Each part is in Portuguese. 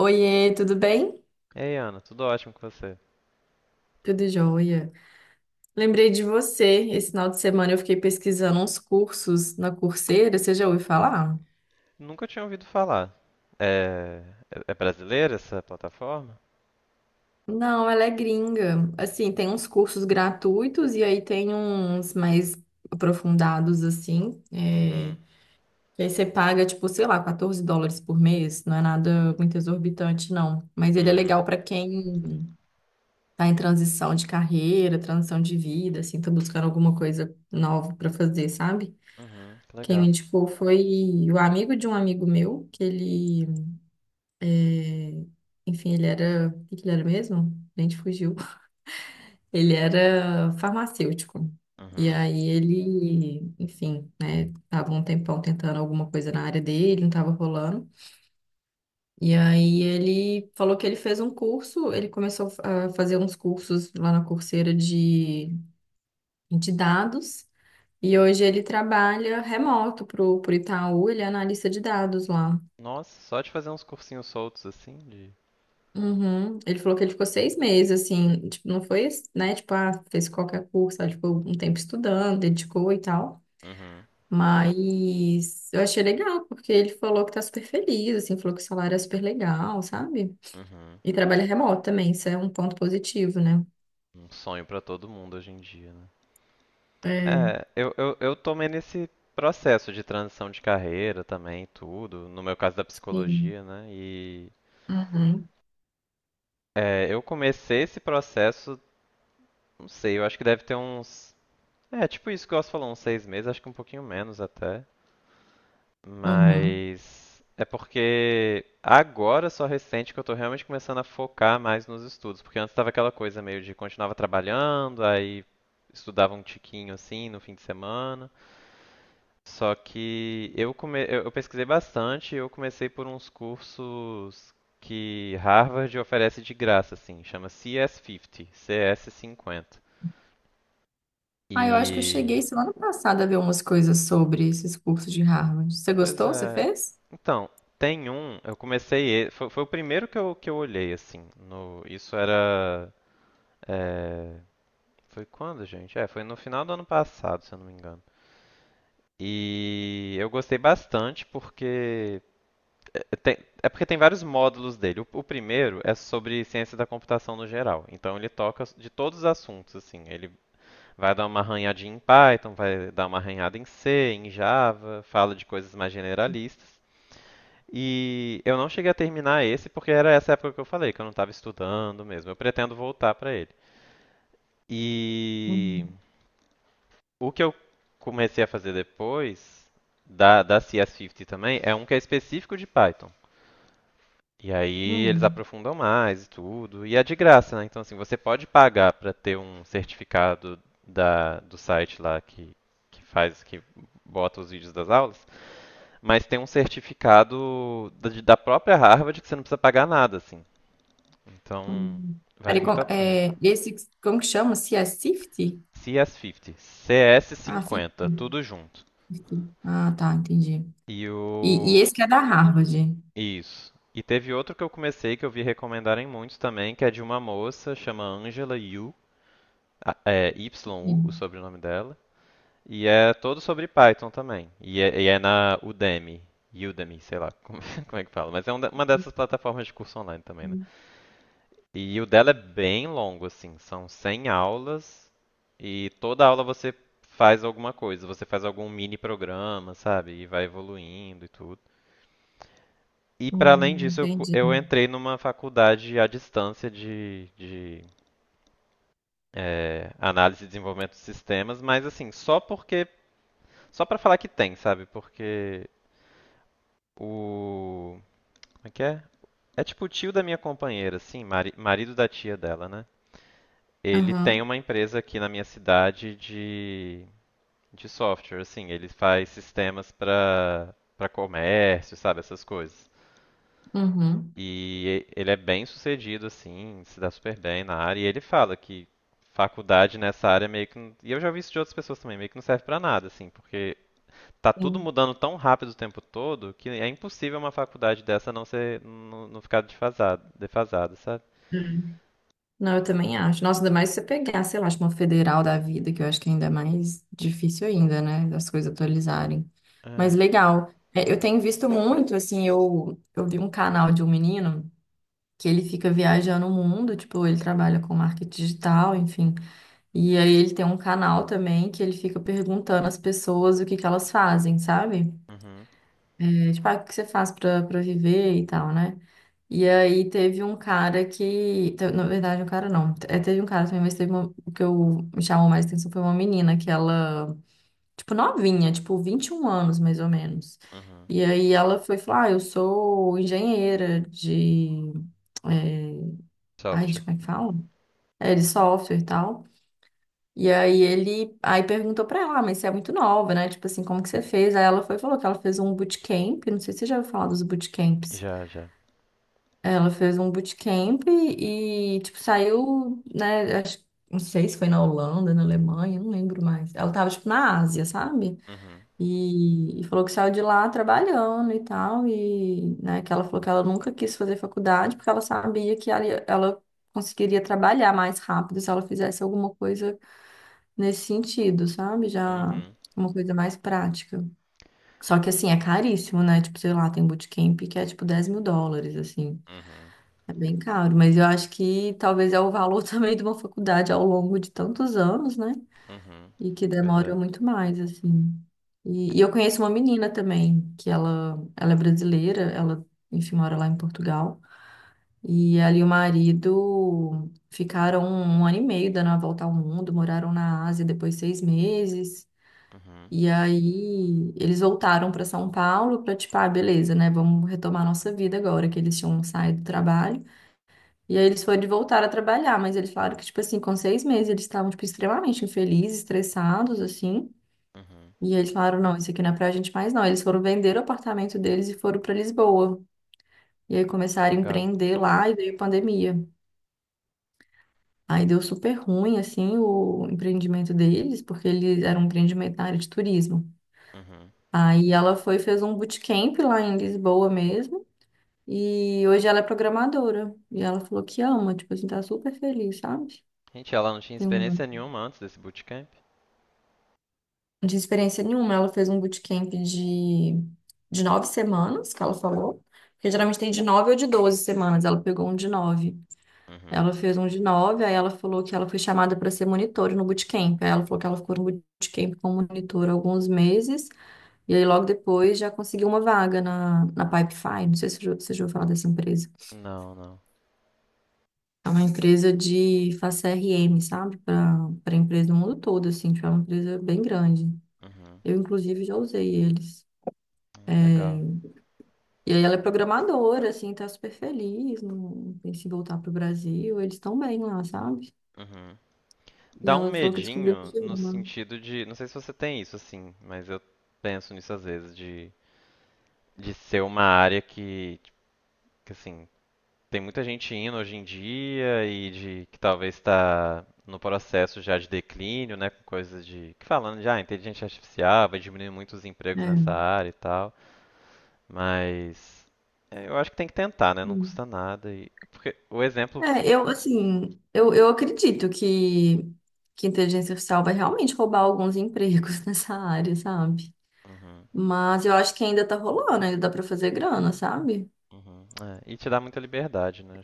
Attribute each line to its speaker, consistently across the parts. Speaker 1: Oiê, tudo bem?
Speaker 2: Ei, Ana, tudo ótimo com você?
Speaker 1: Tudo jóia. Lembrei de você. Esse final de semana eu fiquei pesquisando uns cursos na Coursera. Você já ouviu falar?
Speaker 2: Nunca tinha ouvido falar. É, é brasileira essa plataforma?
Speaker 1: Não, ela é gringa. Assim, tem uns cursos gratuitos e aí tem uns mais aprofundados, assim.
Speaker 2: Uhum,
Speaker 1: Que aí você paga, tipo, sei lá, US$ 14 por mês. Não é nada muito exorbitante, não. Mas ele é
Speaker 2: uhum,
Speaker 1: legal para quem tá em transição de carreira, transição de vida, assim, tá buscando alguma coisa nova para fazer, sabe?
Speaker 2: uhum, que
Speaker 1: Quem me
Speaker 2: legal.
Speaker 1: indicou foi o amigo de um amigo meu, que ele, é, ele era, o que que ele era mesmo? A gente fugiu. Ele era farmacêutico. E
Speaker 2: Uhum.
Speaker 1: aí ele, enfim, né, tava um tempão tentando alguma coisa na área dele, não tava rolando. E aí ele falou que ele fez um curso, ele começou a fazer uns cursos lá na Coursera de dados. E hoje ele trabalha remoto pro Itaú, ele é analista de dados lá.
Speaker 2: Nossa, só de fazer uns cursinhos soltos assim de.
Speaker 1: Uhum. Ele falou que ele ficou 6 meses, assim, tipo, não foi, né, tipo, ah, fez qualquer curso, sabe? Tipo, um tempo estudando, dedicou e tal.
Speaker 2: Uhum,
Speaker 1: Mas eu achei legal, porque ele falou que tá super feliz, assim, falou que o salário é super legal, sabe?
Speaker 2: uhum.
Speaker 1: E trabalha remoto também, isso é um ponto positivo, né?
Speaker 2: Um sonho pra todo mundo hoje em dia, né?
Speaker 1: É.
Speaker 2: É, eu tomei nesse processo de transição de carreira também, tudo, no meu caso da
Speaker 1: Sim.
Speaker 2: psicologia, né? E
Speaker 1: Uhum.
Speaker 2: eu comecei esse processo, não sei, eu acho que deve ter uns tipo isso que eu falou, uns 6 meses, acho que um pouquinho menos até.
Speaker 1: Uhum.
Speaker 2: Mas é porque agora só recente que eu tô realmente começando a focar mais nos estudos, porque antes tava aquela coisa meio de continuava trabalhando, aí estudava um tiquinho assim no fim de semana. Só que eu pesquisei bastante, e eu comecei por uns cursos que Harvard oferece de graça assim, chama CS50, CS50.
Speaker 1: Ah, eu acho que eu
Speaker 2: E
Speaker 1: cheguei semana passada a ver umas coisas sobre esses cursos de Harvard. Você
Speaker 2: Pois
Speaker 1: gostou? Você
Speaker 2: é.
Speaker 1: fez?
Speaker 2: Então, tem um, eu comecei, foi o primeiro que eu olhei assim, no, isso era, é, foi quando, gente? É, foi no final do ano passado, se eu não me engano. E eu gostei bastante porque é, é, tem- é porque tem vários módulos dele. O primeiro é sobre ciência da computação no geral. Então ele toca de todos os assuntos, assim. Ele vai dar uma arranhadinha em Python, vai dar uma arranhada em C, em Java, fala de coisas mais generalistas. E eu não cheguei a terminar esse porque era essa época que eu falei, que eu não estava estudando mesmo. Eu pretendo voltar para ele. E
Speaker 1: Hum.
Speaker 2: o que eu comecei a fazer depois da CS50 também é um que é específico de Python. E aí eles
Speaker 1: Hum.
Speaker 2: aprofundam mais e tudo. E é de graça, né? Então, assim, você pode pagar para ter um certificado da, do site lá que faz, que bota os vídeos das aulas, mas tem um certificado da própria Harvard que você não precisa pagar nada, assim. Então,
Speaker 1: Hum.
Speaker 2: vale
Speaker 1: Peraí,
Speaker 2: muito a pena.
Speaker 1: como que chama? Se é Safety?
Speaker 2: CS50,
Speaker 1: Ah, Safety.
Speaker 2: CS50, tudo junto.
Speaker 1: Safety. Ah, tá, entendi.
Speaker 2: E
Speaker 1: E
Speaker 2: o.
Speaker 1: esse que é da Harvard.
Speaker 2: Isso. E teve outro que eu comecei que eu vi recomendarem muitos também, que é de uma moça, chama Angela Yu, é Yu, o
Speaker 1: Sim.
Speaker 2: sobrenome dela. E é todo sobre Python também. E é na Udemy. Udemy, sei lá como, como é que fala. Mas é uma dessas plataformas de curso online também, né? E o dela é bem longo, assim, são 100 aulas e toda aula você faz alguma coisa, você faz algum mini programa, sabe? E vai evoluindo e tudo. E para além disso, eu, cu-
Speaker 1: Entendi.
Speaker 2: eu entrei numa faculdade à distância de análise e desenvolvimento de sistemas, mas assim, só para falar que tem, sabe? Porque o, como é que é? É tipo o tio da minha companheira, assim, marido da tia dela, né? Ele tem
Speaker 1: Aham,
Speaker 2: uma empresa aqui na minha cidade de software, assim, ele faz sistemas para comércio, sabe, essas coisas.
Speaker 1: uhum,
Speaker 2: E ele é bem sucedido, assim, se dá super bem na área. E ele fala que faculdade nessa área meio que. E eu já vi isso de outras pessoas também, meio que não serve pra nada, assim, porque tá tudo
Speaker 1: sim.
Speaker 2: mudando tão rápido o tempo todo que é impossível uma faculdade dessa não ser, não ficar defasada, defasada, sabe?
Speaker 1: É. Não, eu também acho. Nossa, ainda mais se você pegar, sei lá, acho uma federal da vida, que eu acho que ainda é mais difícil ainda, né, das coisas atualizarem. Mas
Speaker 2: É.
Speaker 1: legal. É, eu tenho visto muito, assim, eu vi um canal de um menino que ele fica viajando o mundo, tipo, ele trabalha com marketing digital, enfim. E aí ele tem um canal também que ele fica perguntando às pessoas o que que elas fazem, sabe?
Speaker 2: Uhum.
Speaker 1: É, tipo, ah, o que você faz pra viver e tal, né? E aí teve um cara na verdade, um cara não, é, teve um cara também, mas teve uma, o que eu me chamou mais atenção foi uma menina que ela, tipo, novinha, tipo, 21 anos mais ou menos.
Speaker 2: Uhum.
Speaker 1: E aí ela foi falar, ah, eu sou engenheira de, é, ai, gente,
Speaker 2: Software.
Speaker 1: como é que fala? De software e tal. E aí ele aí perguntou pra ela, "Ah, mas você é muito nova, né? Tipo assim, como que você fez?" Aí ela foi e falou que ela fez um bootcamp, não sei se você já ouviu falar dos bootcamps.
Speaker 2: Já, já.
Speaker 1: Ela fez um bootcamp e, tipo, saiu, né? Acho, não sei se foi na Holanda, na Alemanha, não lembro mais. Ela tava, tipo, na Ásia, sabe?
Speaker 2: Uhum.
Speaker 1: E falou que saiu de lá trabalhando e tal. E, né, que ela falou que ela nunca quis fazer faculdade porque ela sabia que ela conseguiria trabalhar mais rápido se ela fizesse alguma coisa nesse sentido, sabe? Já
Speaker 2: Uhum,
Speaker 1: uma coisa mais prática. Só que assim, é caríssimo, né? Tipo, sei lá, tem bootcamp que é tipo US$ 10.000, assim.
Speaker 2: uhum,
Speaker 1: É bem caro, mas eu acho que talvez é o valor também de uma faculdade ao longo de tantos anos, né?
Speaker 2: uhum.
Speaker 1: E que
Speaker 2: Pois
Speaker 1: demora
Speaker 2: é.
Speaker 1: muito mais, assim. E eu conheço uma menina também, ela é brasileira, ela, enfim, mora lá em Portugal. E ela e o marido ficaram 1 ano e meio dando a volta ao mundo, moraram na Ásia depois 6 meses.
Speaker 2: Uhum,
Speaker 1: E aí eles voltaram para São Paulo para tipo, ah, beleza, né? Vamos retomar nossa vida agora que eles tinham saído do trabalho. E aí eles foram de voltar a trabalhar, mas eles falaram que tipo assim, com 6 meses eles estavam tipo extremamente infelizes, estressados assim.
Speaker 2: uhum.
Speaker 1: E aí eles falaram, não, isso aqui não é pra gente mais não. Eles foram vender o apartamento deles e foram para Lisboa. E aí começaram a
Speaker 2: Legal.
Speaker 1: empreender lá e veio a pandemia. Aí deu super ruim assim o empreendimento deles, porque eles eram um empreendimento na área de turismo.
Speaker 2: Uhum.
Speaker 1: Aí ela foi, e fez um bootcamp lá em Lisboa mesmo. E hoje ela é programadora. E ela falou que ama, tipo assim, tá super feliz, sabe?
Speaker 2: Gente, ela não tinha
Speaker 1: Tem uma
Speaker 2: experiência nenhuma antes desse bootcamp?
Speaker 1: de experiência nenhuma. Ela fez um bootcamp de 9 semanas, que ela falou. Porque geralmente tem de 9 ou de 12 semanas. Ela pegou um de nove.
Speaker 2: Uhum.
Speaker 1: Ela fez um de nove, aí ela falou que ela foi chamada para ser monitora no bootcamp. Aí ela falou que ela ficou no bootcamp como monitora alguns meses. E aí, logo depois, já consegui uma vaga na Pipefy. Não sei se você já ouviu falar dessa empresa.
Speaker 2: Não, não.
Speaker 1: É uma empresa de faz CRM, sabe? Para empresa do mundo todo, assim. Tipo, é uma empresa bem grande.
Speaker 2: Uhum.
Speaker 1: Eu, inclusive, já usei eles.
Speaker 2: Legal.
Speaker 1: E aí, ela é programadora, assim, tá super feliz. Não pensa em voltar pro Brasil. Eles estão bem lá, sabe?
Speaker 2: Uhum.
Speaker 1: E
Speaker 2: Dá um
Speaker 1: ela falou que descobriu
Speaker 2: medinho
Speaker 1: que
Speaker 2: no
Speaker 1: ama.
Speaker 2: sentido de, não sei se você tem isso assim, mas eu penso nisso às vezes de ser uma área que assim, tem muita gente indo hoje em dia e de que talvez está no processo já de declínio, né, com coisas de que falando de inteligência artificial vai diminuir muito os empregos nessa
Speaker 1: É.
Speaker 2: área e tal, mas eu acho que tem que tentar, né? Não
Speaker 1: Hum.
Speaker 2: custa nada e porque o exemplo.
Speaker 1: É, eu acredito que a inteligência artificial vai realmente roubar alguns empregos nessa área, sabe?
Speaker 2: Uhum,
Speaker 1: Mas eu acho que ainda tá rolando, ainda dá pra fazer grana, sabe?
Speaker 2: uhum, é, e te dá muita liberdade, né?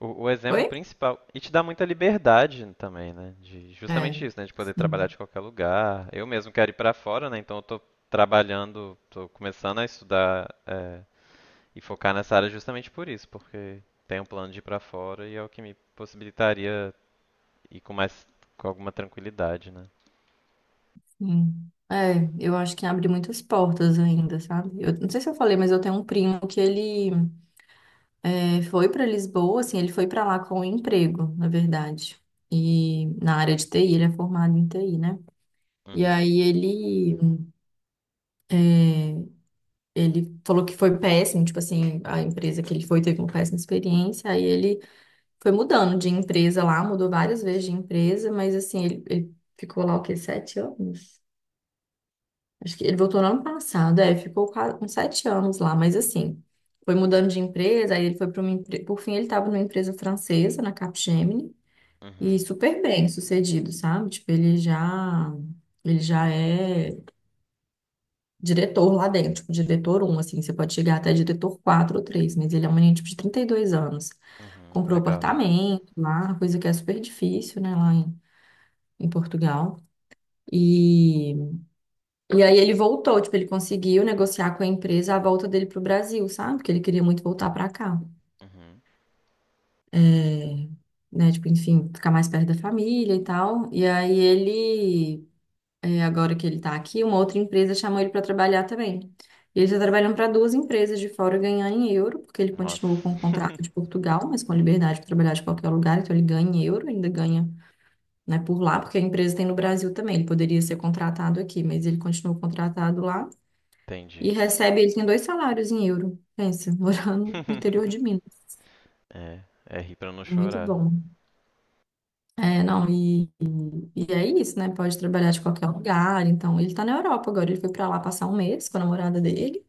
Speaker 2: O exemplo
Speaker 1: Oi?
Speaker 2: principal. E te dá muita liberdade também, né? De,
Speaker 1: É,
Speaker 2: justamente isso, né? De poder trabalhar
Speaker 1: sim,
Speaker 2: de qualquer lugar. Eu mesmo quero ir para fora, né? Então eu tô trabalhando, tô começando a estudar e focar nessa área justamente por isso, porque tenho um plano de ir para fora e é o que me possibilitaria ir com alguma tranquilidade, né?
Speaker 1: sim. É, eu acho que abre muitas portas ainda, sabe? Eu não sei se eu falei, mas eu tenho um primo que foi pra Lisboa, assim, ele foi pra lá com um emprego, na verdade. E na área de TI, ele é formado em TI, né? E
Speaker 2: Uhum,
Speaker 1: aí ele falou que foi péssimo, tipo assim, a empresa que ele foi teve uma péssima experiência, aí ele foi mudando de empresa lá, mudou várias vezes de empresa, mas assim, ele ficou lá o quê? 7 anos? Acho que ele voltou no ano passado, é, ficou uns 7 anos lá, mas assim, foi mudando de empresa, aí ele foi para uma empresa. Por fim, ele estava numa empresa francesa, na Capgemini, e
Speaker 2: uhum,
Speaker 1: super bem sucedido, sabe? Ele já é diretor lá dentro, tipo, diretor um assim, você pode chegar até diretor 4 ou 3, mas ele é um menino, tipo, de 32 anos.
Speaker 2: uhum.
Speaker 1: Comprou
Speaker 2: Legal.
Speaker 1: apartamento lá, coisa que é super difícil, né, lá em Portugal. E, e aí ele voltou, tipo, ele conseguiu negociar com a empresa a volta dele pro Brasil, sabe? Porque ele queria muito voltar para cá,
Speaker 2: Uhum.
Speaker 1: é, né? Tipo, enfim, ficar mais perto da família e tal. E aí ele, agora que ele tá aqui, uma outra empresa chamou ele para trabalhar também. E ele tá trabalhando para duas empresas de fora ganhar em euro, porque ele
Speaker 2: Nossa.
Speaker 1: continuou com o contrato de Portugal, mas com a liberdade de trabalhar de qualquer lugar, então ele ganha em euro, ainda ganha né, por lá, porque a empresa tem no Brasil também. Ele poderia ser contratado aqui, mas ele continua contratado lá e
Speaker 2: Entendi.
Speaker 1: recebe, ele tem dois salários em euro. Pensa, morando no interior de Minas.
Speaker 2: É rir pra não
Speaker 1: Muito
Speaker 2: chorar.
Speaker 1: bom. É, não, e é isso, né? Pode trabalhar de qualquer lugar. Então, ele tá na Europa agora. Ele foi pra lá passar 1 mês com a namorada dele.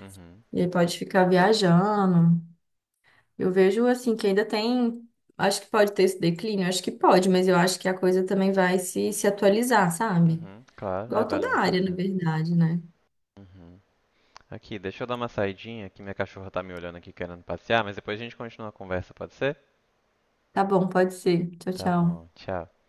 Speaker 2: Uhum.
Speaker 1: E aí pode ficar viajando. Eu vejo, assim, que ainda tem. Acho que pode ter esse declínio, acho que pode, mas eu acho que a coisa também vai se atualizar, sabe?
Speaker 2: Uhum, claro,
Speaker 1: Igual
Speaker 2: vale
Speaker 1: toda
Speaker 2: muito a
Speaker 1: área, na
Speaker 2: pena.
Speaker 1: verdade, né?
Speaker 2: Uhum. Aqui, deixa eu dar uma saidinha, que minha cachorra tá me olhando aqui querendo passear, mas depois a gente continua a conversa, pode ser?
Speaker 1: Tá bom, pode ser. Tchau,
Speaker 2: Tá
Speaker 1: tchau.
Speaker 2: bom, tchau.